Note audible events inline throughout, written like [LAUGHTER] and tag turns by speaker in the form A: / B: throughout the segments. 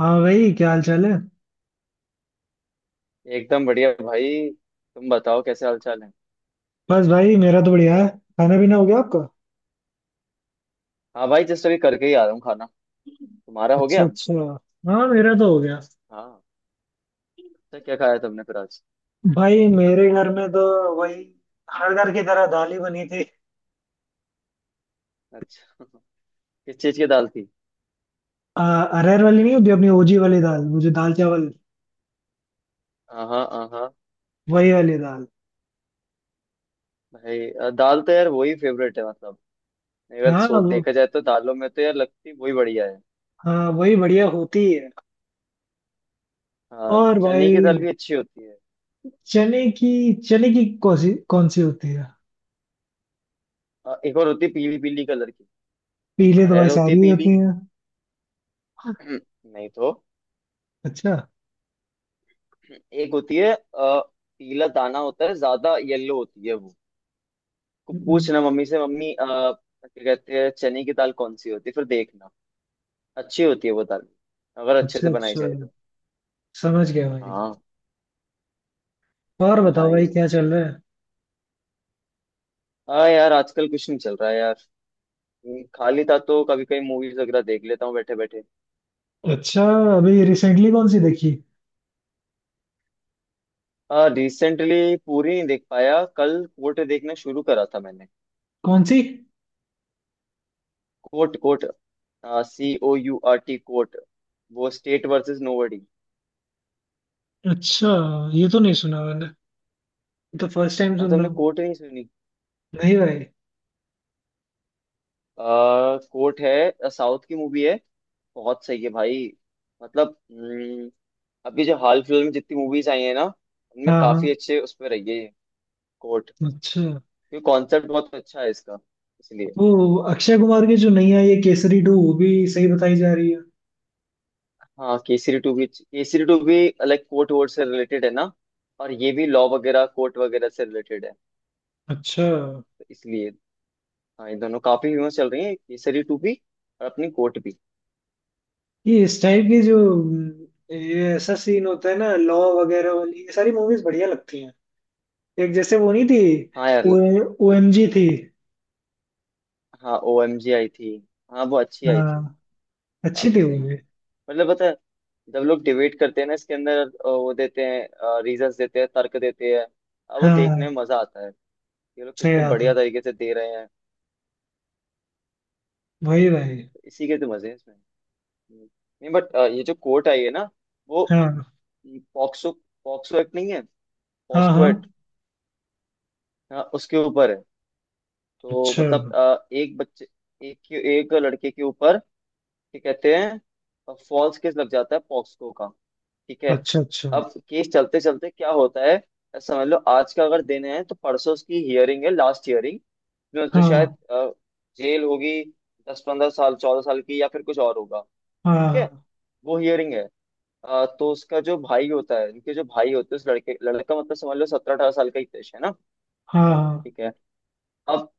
A: हाँ भाई, क्या हाल चाल है।
B: एकदम बढ़िया भाई। तुम बताओ कैसे हाल चाल है?
A: बस भाई मेरा तो बढ़िया है। खाना पीना हो गया आपका?
B: हाँ भाई, जस्ट अभी करके ही आ रहा हूँ खाना। तुम्हारा हो
A: अच्छा
B: गया?
A: अच्छा। हाँ, मेरा तो हो गया।
B: हाँ। अच्छा, क्या खाया तुमने फिर आज?
A: भाई मेरे घर में तो वही, हर घर की तरह दाल ही बनी थी।
B: अच्छा। [LAUGHS] किस चीज की दाल थी?
A: आ, अरहर वाली नहीं होती अपनी ओजी वाली दाल, वो जो दाल चावल,
B: हाँ हाँ हाँ हाँ।
A: वही वाली दाल।
B: भाई दाल तो यार वही फेवरेट है मतलब। अगर
A: हाँ
B: सो
A: वो,
B: देखा जाए तो दालों में तो यार लगती वही बढ़िया है।
A: हाँ वही बढ़िया होती है।
B: हाँ,
A: और
B: चने की
A: भाई
B: दाल भी अच्छी होती है।
A: चने की चने की कौन सी होती है?
B: एक और होती है पीली पीली कलर की।
A: पीले तो भाई
B: अरहर होती है
A: सारी ही
B: पीली।
A: होती है।
B: [CLEARS THROAT] नहीं तो
A: अच्छा।
B: एक होती है पीला दाना होता है, ज्यादा येलो होती है वो।
A: हम्म।
B: पूछना मम्मी से, मम्मी क्या कहते हैं चने की दाल कौन सी होती है फिर देखना। अच्छी होती है वो दाल, अगर अच्छे
A: अच्छा
B: से बनाई
A: अच्छा,
B: जाए तो।
A: समझ गया भाई।
B: हाँ
A: और
B: हाँ
A: बताओ
B: भाई।
A: भाई, क्या चल रहा है?
B: हाँ यार, आजकल कुछ नहीं चल रहा है यार। खाली था तो कभी कभी मूवीज वगैरह देख लेता हूँ बैठे बैठे।
A: अच्छा, अभी रिसेंटली कौन सी देखी?
B: रिसेंटली पूरी नहीं देख पाया, कल कोट देखना शुरू करा था मैंने।
A: कौन सी?
B: Court coat. COURT, coat. वो स्टेट वर्सेस नोबडी।
A: अच्छा, ये तो नहीं सुना मैंने। ये तो फर्स्ट टाइम
B: और
A: सुन रहा
B: तुमने
A: हूँ।
B: कोट नहीं सुनी?
A: नहीं भाई।
B: कोर्ट है, साउथ की मूवी है। बहुत सही है भाई। मतलब अभी जो हाल फिलहाल में जितनी मूवीज आई है ना उनमें
A: हाँ हाँ।
B: काफी अच्छे उस पर रही है। कोर्ट,
A: अच्छा,
B: क्योंकि कॉन्सेप्ट बहुत अच्छा है इसका, इसलिए।
A: वो अक्षय कुमार की जो नई आई है केसरी टू, वो भी सही बताई जा रही है।
B: हाँ केसरी 2 भी, केसरी 2 भी लाइक कोर्ट वोर्ट से रिलेटेड है ना। और ये भी लॉ वगैरह, कोर्ट वगैरह से रिलेटेड है,
A: अच्छा,
B: तो इसलिए। हाँ, ये दोनों काफी फेमस चल रही है, केसरी 2 भी और अपनी कोर्ट भी।
A: ये इस टाइप की जो ये ऐसा सीन होता है ना, लॉ वगैरह वाली ये सारी मूवीज बढ़िया लगती हैं। एक जैसे वो नहीं थी,
B: हाँ यार।
A: ओ एम जी थी।
B: हाँ, OMG आई थी। हाँ, वो अच्छी आई थी।
A: हाँ, अच्छी
B: काफी
A: थी वो
B: सही है।
A: भी।
B: मतलब पता है, जब लोग डिबेट करते हैं ना इसके अंदर, वो देते हैं, रीजंस देते हैं, तर्क देते हैं। अब वो देखने
A: हाँ,
B: में मजा आता है, ये लोग
A: सही
B: कितने
A: बात है।
B: बढ़िया तरीके से दे रहे हैं।
A: वही भाई।
B: तो इसी के तो मजे हैं इसमें। हम्म। नहीं बट, ये जो कोर्ट आई है ना, वो
A: हाँ
B: पॉक्सो, पॉक्सो एक्ट नहीं है,
A: हाँ
B: पॉस्को
A: हाँ।
B: एक्ट। हाँ, उसके ऊपर है। तो
A: अच्छा
B: मतलब एक बच्चे, एक एक लड़के के ऊपर, क्या कहते हैं, फॉल्स केस लग जाता है पॉक्सको का। ठीक है?
A: अच्छा अच्छा।
B: अब केस चलते चलते क्या होता है, समझ लो आज का अगर दिन है तो परसों उसकी हियरिंग है, लास्ट हियरिंग। जिसमें उसे
A: हाँ
B: शायद जेल होगी, 10-15 साल, 14 साल की, या फिर कुछ और होगा। ठीक है?
A: हाँ
B: वो हियरिंग है। तो उसका जो भाई होता है, उनके जो भाई होते हैं, उस लड़के, लड़का मतलब समझ लो 17-18 साल का ही देश है ना।
A: हाँ
B: ठीक है? अब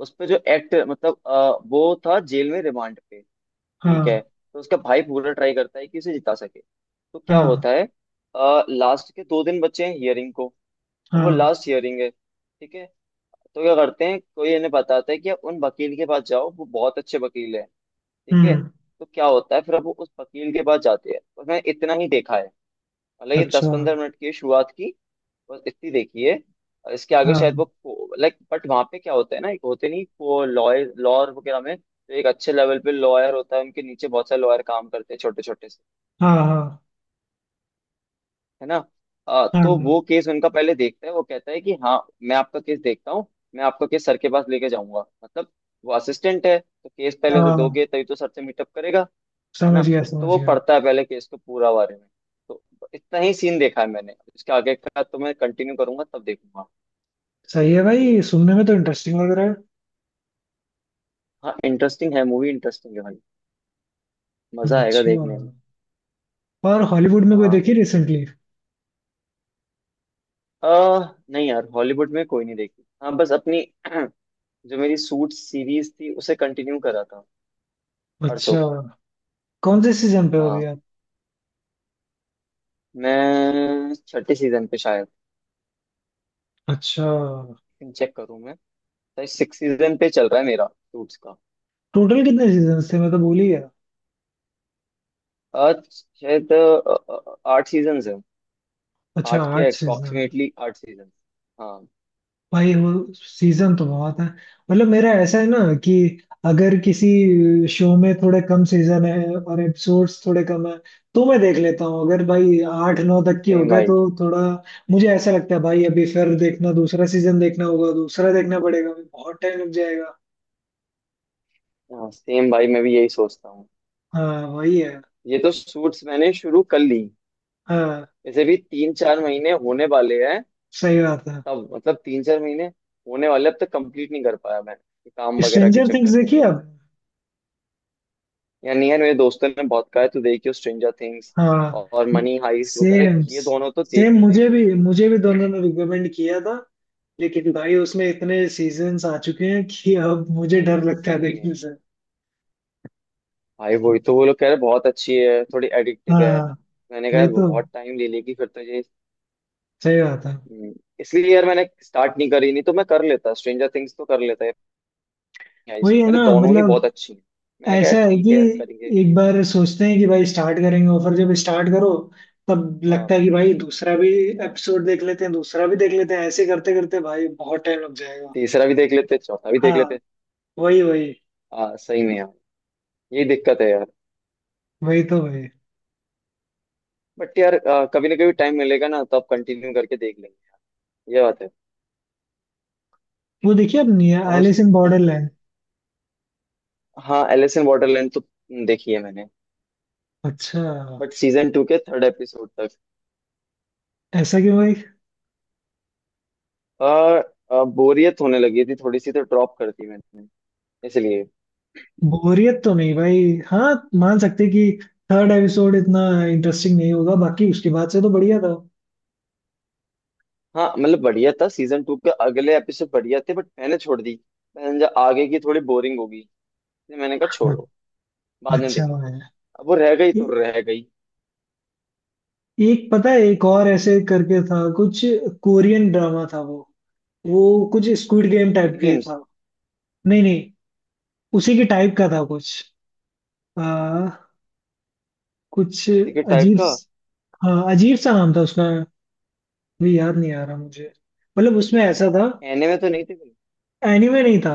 B: उस पे जो एक्ट, मतलब वो था जेल में, रिमांड पे। ठीक है?
A: हाँ
B: तो उसका भाई पूरा ट्राई करता है कि उसे जिता सके। तो क्या
A: हाँ
B: होता है, लास्ट के 2 दिन बचे हैं हियरिंग को। अब वो
A: हाँ।
B: लास्ट हियरिंग है, ठीक है? तो क्या करते हैं, कोई इन्हें बताता है कि आप उन वकील के पास जाओ, वो बहुत अच्छे वकील हैं। ठीक है?
A: हम्म।
B: तो क्या होता है फिर, अब वो उस वकील के पास जाते हैं और मैंने इतना ही देखा है। मतलब ये दस
A: अच्छा।
B: पंद्रह मिनट की शुरुआत की, बस इतनी देखी है। और इसके आगे शायद
A: हाँ
B: वो, लाइक, बट वहां पे क्या होता है ना, एक होते नहीं वो लॉयर, लॉयर वगैरह में तो एक अच्छे लेवल पे लॉयर होता है, उनके नीचे बहुत सारे लॉयर काम करते हैं, छोटे छोटे से,
A: हाँ हाँ
B: है ना? तो
A: हाँ
B: वो केस उनका पहले देखता है, वो कहता है कि हाँ, मैं आपका केस देखता हूँ, मैं आपका केस सर के पास लेके जाऊंगा, मतलब वो असिस्टेंट है, तो केस पहले उसे
A: हाँ,
B: दोगे तभी तो सर से मीटअप करेगा, है ना?
A: समझ गया
B: तो
A: समझ
B: वो
A: गया।
B: पढ़ता है पहले केस को पूरा, बारे में। तो इतना ही सीन देखा है मैंने, इसके आगे का तो मैं कंटिन्यू करूंगा तब देखूंगा।
A: सही है भाई, सुनने में तो इंटरेस्टिंग लग रहा है।
B: हाँ, इंटरेस्टिंग है, मूवी इंटरेस्टिंग है भाई। मजा आएगा
A: अच्छा।
B: देखने में।
A: और हॉलीवुड में कोई
B: हाँ।
A: देखी रिसेंटली?
B: अह नहीं यार, हॉलीवुड में कोई नहीं देखी। हाँ, बस अपनी [CLEARS THROAT] जो मेरी सूट सीरीज थी उसे कंटिन्यू करा था परसों
A: अच्छा,
B: को।
A: कौन से सीजन पे हो अभी
B: हाँ,
A: आप?
B: मैं छठे सीजन पे शायद,
A: अच्छा,
B: चेक करूँ मैं। शायद 6 सीजन पे चल रहा है मेरा सूट्स का।
A: टोटल कितने सीजन थे, मैं तो भूल ही गया।
B: आज शायद 8 सीजन है।
A: अच्छा,
B: आठ के,
A: आठ सीजन।
B: Approximately 8 season. हाँ।
A: भाई वो सीजन तो बहुत है। मतलब मेरा ऐसा है ना कि अगर किसी शो में थोड़े कम सीजन है और एपिसोड्स थोड़े कम है, तो मैं देख लेता हूँ। अगर भाई आठ नौ तक की हो
B: सेम
A: गए
B: भाई।
A: तो थोड़ा मुझे ऐसा लगता है भाई, अभी फिर देखना, दूसरा सीजन देखना होगा, दूसरा देखना पड़ेगा, अभी बहुत टाइम लग जाएगा।
B: हाँ सेम भाई, मैं भी यही सोचता हूँ।
A: हाँ वही है।
B: ये तो सूट्स मैंने शुरू कर ली,
A: हाँ,
B: वैसे भी 3-4 महीने होने वाले हैं।
A: सही बात है।
B: तब, मतलब 3-4 महीने होने वाले, अब तक कंप्लीट नहीं कर पाया मैं ये काम वगैरह के
A: स्ट्रेंजर थिंग्स
B: चक्कर में।
A: देखिए आप।
B: या नहीं, है, मेरे दोस्तों ने बहुत कहा है, तो देखियो स्ट्रेंजर थिंग्स
A: हाँ
B: और मनी हाइस्ट वगैरह,
A: सेम।
B: ये दोनों तो
A: सेम
B: देखियो,
A: मुझे
B: देखियो।
A: भी, मुझे भी दोनों ने रिकमेंड किया था। लेकिन भाई उसमें इतने सीजन्स आ चुके हैं कि अब मुझे डर
B: भाई
A: लगता है
B: सही में,
A: देखने से।
B: भाई वही तो, वो लोग कह रहे बहुत अच्छी है, थोड़ी एडिक्टिव है।
A: हाँ
B: मैंने कहा
A: वही तो।
B: बहुत टाइम ले लेगी फिर तो ये।
A: सही बात है।
B: हम्म, इसलिए यार मैंने स्टार्ट नहीं करी, नहीं तो मैं कर लेता स्ट्रेंजर थिंग्स तो कर लेता है। मनी हाइस्ट,
A: वही
B: वो
A: है
B: कह रहे
A: ना
B: दोनों ही
A: मतलब।
B: बहुत अच्छी है। मैंने कहा
A: ऐसा है
B: ठीक
A: कि
B: है यार, करेंगे।
A: एक बार सोचते हैं कि भाई स्टार्ट करेंगे, और फिर जब स्टार्ट करो तब
B: हाँ,
A: लगता है कि भाई दूसरा भी एपिसोड देख लेते हैं, दूसरा भी देख लेते हैं, ऐसे करते करते भाई बहुत टाइम लग जाएगा।
B: तीसरा भी देख लेते, चौथा भी देख
A: हाँ,
B: लेते।
A: वही वही।
B: सही में यार, यही दिक्कत है यार।
A: वही तो भाई।
B: बट यार कभी ना कभी टाइम मिलेगा ना, तो आप कंटिन्यू करके देख लेंगे। ये बात है।
A: वो देखिए अपनी
B: और
A: एलिस इन
B: और,
A: बॉर्डरलैंड।
B: हाँ एलिस इन बॉर्डरलैंड तो देखी है मैंने।
A: अच्छा,
B: बट सीजन 2 के थर्ड एपिसोड तक
A: ऐसा क्यों भाई?
B: आ, आ, बोरियत होने लगी थी थोड़ी सी, तो ड्रॉप कर दी मैंने, इसलिए।
A: बोरियत तो नहीं भाई। हाँ, मान सकते कि थर्ड एपिसोड इतना इंटरेस्टिंग नहीं होगा, बाकी उसके बाद से तो बढ़िया था।
B: हाँ मतलब बढ़िया था, सीजन 2 के अगले एपिसोड बढ़िया थे, बट मैंने छोड़ दी। मैंने समझा आगे की थोड़ी बोरिंग होगी, इसलिए मैंने कहा
A: [LAUGHS]
B: छोड़ो, बाद में
A: अच्छा
B: देखेंगे।
A: भाई।
B: अब वो रह गई तो
A: ए-
B: रह गई।
A: एक पता है, एक और ऐसे करके था कुछ, कोरियन ड्रामा था वो। वो कुछ स्क्विड गेम टाइप
B: स्क्विड
A: के
B: गेम्स।
A: था। नहीं नहीं, उसी के टाइप का था कुछ, आ, कुछ
B: टिकट टाइप
A: अजीब।
B: का।
A: हाँ अजीब सा नाम था उसका, भी याद नहीं आ रहा मुझे। मतलब उसमें ऐसा था,
B: एनिमे तो नहीं थे कोई?
A: एनिमे नहीं था,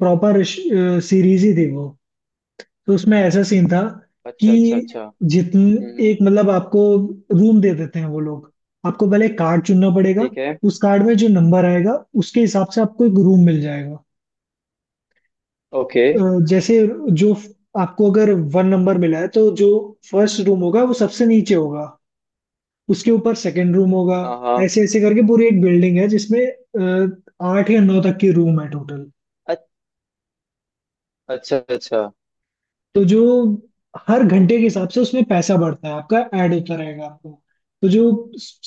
A: प्रॉपर सीरीज ही थी वो। तो उसमें ऐसा सीन था कि
B: अच्छा अच्छा अच्छा।
A: जितने
B: हम्म।
A: एक मतलब आपको रूम दे देते हैं वो लोग, आपको पहले कार्ड चुनना पड़ेगा।
B: ठीक है।
A: उस कार्ड में जो नंबर आएगा उसके हिसाब से आपको एक रूम मिल जाएगा।
B: ओके।
A: जैसे जो फ- आपको अगर 1 नंबर मिला है तो जो फर्स्ट रूम होगा वो सबसे नीचे होगा, उसके ऊपर सेकंड रूम होगा।
B: हाँ हाँ।
A: ऐसे ऐसे करके पूरी एक बिल्डिंग है जिसमें 8 या 9 तक की रूम है टोटल।
B: अ- अच्छा अच्छा।
A: तो जो हर घंटे के
B: ओके।
A: हिसाब से उसमें पैसा बढ़ता है आपका, ऐड होता रहेगा आपको। तो जो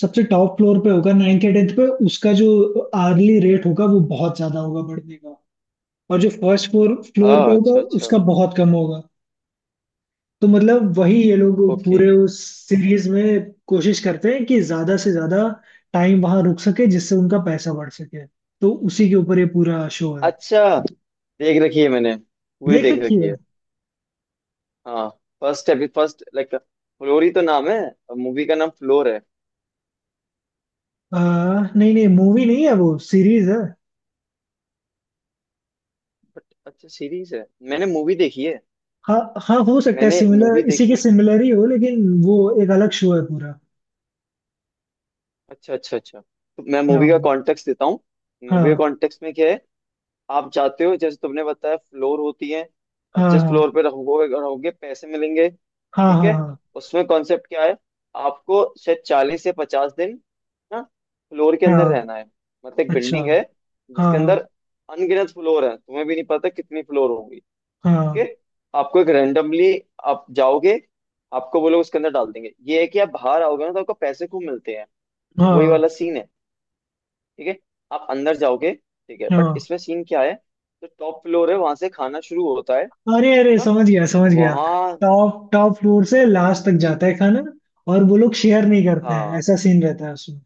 A: सबसे टॉप फ्लोर पे होगा, नाइन्थ या टेंथ पे, उसका जो आर्ली रेट होगा वो बहुत ज्यादा होगा बढ़ने का। और जो फर्स्ट फ्लोर फ्लोर
B: हाँ।
A: पे होगा
B: अच्छा अच्छा।
A: उसका बहुत कम होगा। तो मतलब वही, ये लोग
B: ओके।
A: पूरे उस सीरीज में कोशिश करते हैं कि ज्यादा से ज्यादा टाइम वहां रुक सके जिससे उनका पैसा बढ़ सके। तो उसी के ऊपर ये पूरा शो है।
B: अच्छा। देख रखी है मैंने, पूरी
A: देख
B: देख
A: रखी
B: रखी
A: है।
B: है। हाँ। फर्स्ट, अभी फर्स्ट लाइक फ्लोरी तो नाम है, मूवी का नाम फ्लोर है।
A: आ, नहीं नहीं, मूवी नहीं है, वो सीरीज है।
B: बट अच्छा, सीरीज है। मैंने मूवी देखी है।
A: हाँ हाँ, हो सकता है
B: मैंने मूवी
A: सिमिलर, इसी
B: देखी
A: के
B: है।
A: सिमिलर ही हो, लेकिन वो एक अलग शो है पूरा।
B: अच्छा अच्छा अच्छा, तो मैं मूवी का
A: हाँ
B: कॉन्टेक्स्ट देता हूँ। मूवी का
A: हाँ
B: कॉन्टेक्स्ट में क्या है, आप जाते हो जैसे तुमने बताया, फ्लोर होती है और
A: हाँ
B: जिस
A: हाँ
B: फ्लोर पे रहोगे, रहोगे पैसे मिलेंगे।
A: हाँ
B: ठीक है?
A: हाँ
B: उसमें कॉन्सेप्ट क्या है, आपको शायद 40 से 50 दिन ना, फ्लोर के
A: हाँ
B: अंदर
A: हाँ,
B: रहना है। मतलब एक
A: अच्छा।
B: बिल्डिंग है,
A: हाँ
B: जिसके अंदर
A: हाँ
B: अनगिनत फ्लोर है, तुम्हें भी नहीं पता कितनी फ्लोर होगी। ठीक
A: हाँ
B: है? आपको एक रेंडमली आप जाओगे, आपको वो लोग उसके अंदर डाल देंगे, ये है कि आप बाहर आओगे ना तो आपको पैसे खूब मिलते हैं। तो वही
A: हाँ
B: वाला सीन है। ठीक है? आप अंदर जाओगे, ठीक है, बट
A: हाँ।
B: इसमें सीन क्या है, जो टॉप फ्लोर है वहां से खाना शुरू होता है
A: अरे अरे,
B: ना?
A: समझ गया समझ गया।
B: वहाँ।
A: टॉप टॉप फ्लोर से लास्ट तक जाता है खाना, और वो लोग शेयर नहीं करते हैं,
B: हाँ
A: ऐसा सीन रहता है उसमें।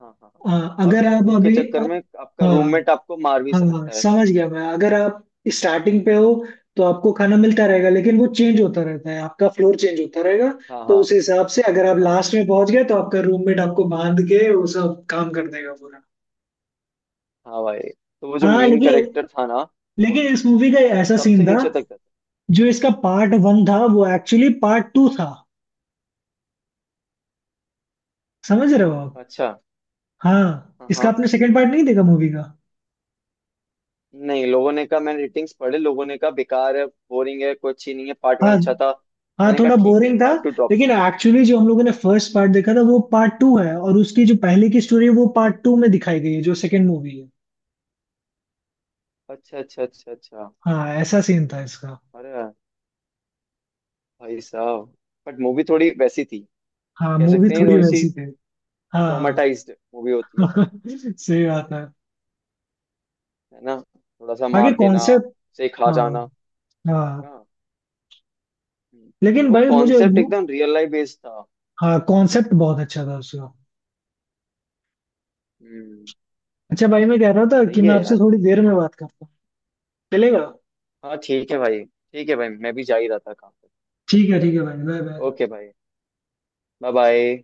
B: हाँ हाँ हाँ।
A: हाँ,
B: और
A: अगर आप
B: भूख के
A: अभी,
B: चक्कर में आपका
A: हाँ
B: रूममेट आपको मार भी
A: हाँ
B: सकता है।
A: समझ गया मैं। अगर आप स्टार्टिंग पे हो तो आपको खाना मिलता रहेगा, लेकिन वो चेंज होता रहता है, आपका फ्लोर चेंज होता रहेगा।
B: हाँ
A: तो
B: हाँ।
A: उस हिसाब से अगर आप
B: हाँ
A: लास्ट में पहुंच गए तो आपका रूममेट आपको बांध के वो सब काम कर देगा पूरा।
B: हाँ भाई, तो वो जो
A: हाँ,
B: मेन
A: लेकिन
B: कैरेक्टर था ना, वो
A: लेकिन इस मूवी का ऐसा सीन
B: सबसे
A: था,
B: नीचे तक जाता।
A: जो इसका पार्ट 1 था वो एक्चुअली पार्ट 2 था। समझ रहे हो आप?
B: अच्छा।
A: हाँ,
B: हाँ
A: इसका
B: हाँ।
A: आपने सेकंड पार्ट नहीं देखा मूवी का?
B: नहीं, लोगों ने कहा, मैंने रेटिंग्स पढ़े, लोगों ने कहा बेकार है, बोरिंग है, कोई अच्छी नहीं है, पार्ट 1
A: हाँ
B: अच्छा था।
A: हाँ,
B: मैंने कहा
A: थोड़ा
B: ठीक है,
A: बोरिंग था।
B: पार्ट 2 ड्रॉप
A: लेकिन
B: करो।
A: एक्चुअली जो हम लोगों ने फर्स्ट पार्ट देखा था वो पार्ट 2 है, और उसकी जो पहले की स्टोरी है वो पार्ट टू में दिखाई गई है जो सेकंड मूवी है।
B: अच्छा अच्छा अच्छा अच्छा।
A: हाँ, ऐसा सीन था इसका।
B: अरे, भाई साहब! बट मूवी थोड़ी वैसी थी,
A: हाँ,
B: कह
A: मूवी
B: सकते हैं
A: थोड़ी
B: थोड़ी सी
A: वैसी थी। हाँ
B: ट्रॉमेटाइज्ड मूवी होती है कोई,
A: हाँ [LAUGHS] सही बात है।
B: है ना? थोड़ा सा
A: बाकी
B: मार देना,
A: कॉन्सेप्ट,
B: से खा
A: हाँ
B: जाना।
A: हाँ।
B: हाँ। हम्म।
A: लेकिन
B: वो
A: भाई मुझे
B: कॉन्सेप्ट
A: वो,
B: एकदम रियल लाइफ बेस्ड था।
A: हाँ, कॉन्सेप्ट बहुत अच्छा था उसका।
B: हम्म।
A: अच्छा भाई, मैं कह रहा था कि
B: सही
A: मैं
B: है
A: आपसे
B: यार।
A: थोड़ी देर में बात करता हूँ, चलेगा?
B: हाँ ठीक है भाई, ठीक है भाई, मैं भी जा ही रहा था काम पे।
A: ठीक है भाई, बाय बाय।
B: ओके भाई। Bye bye.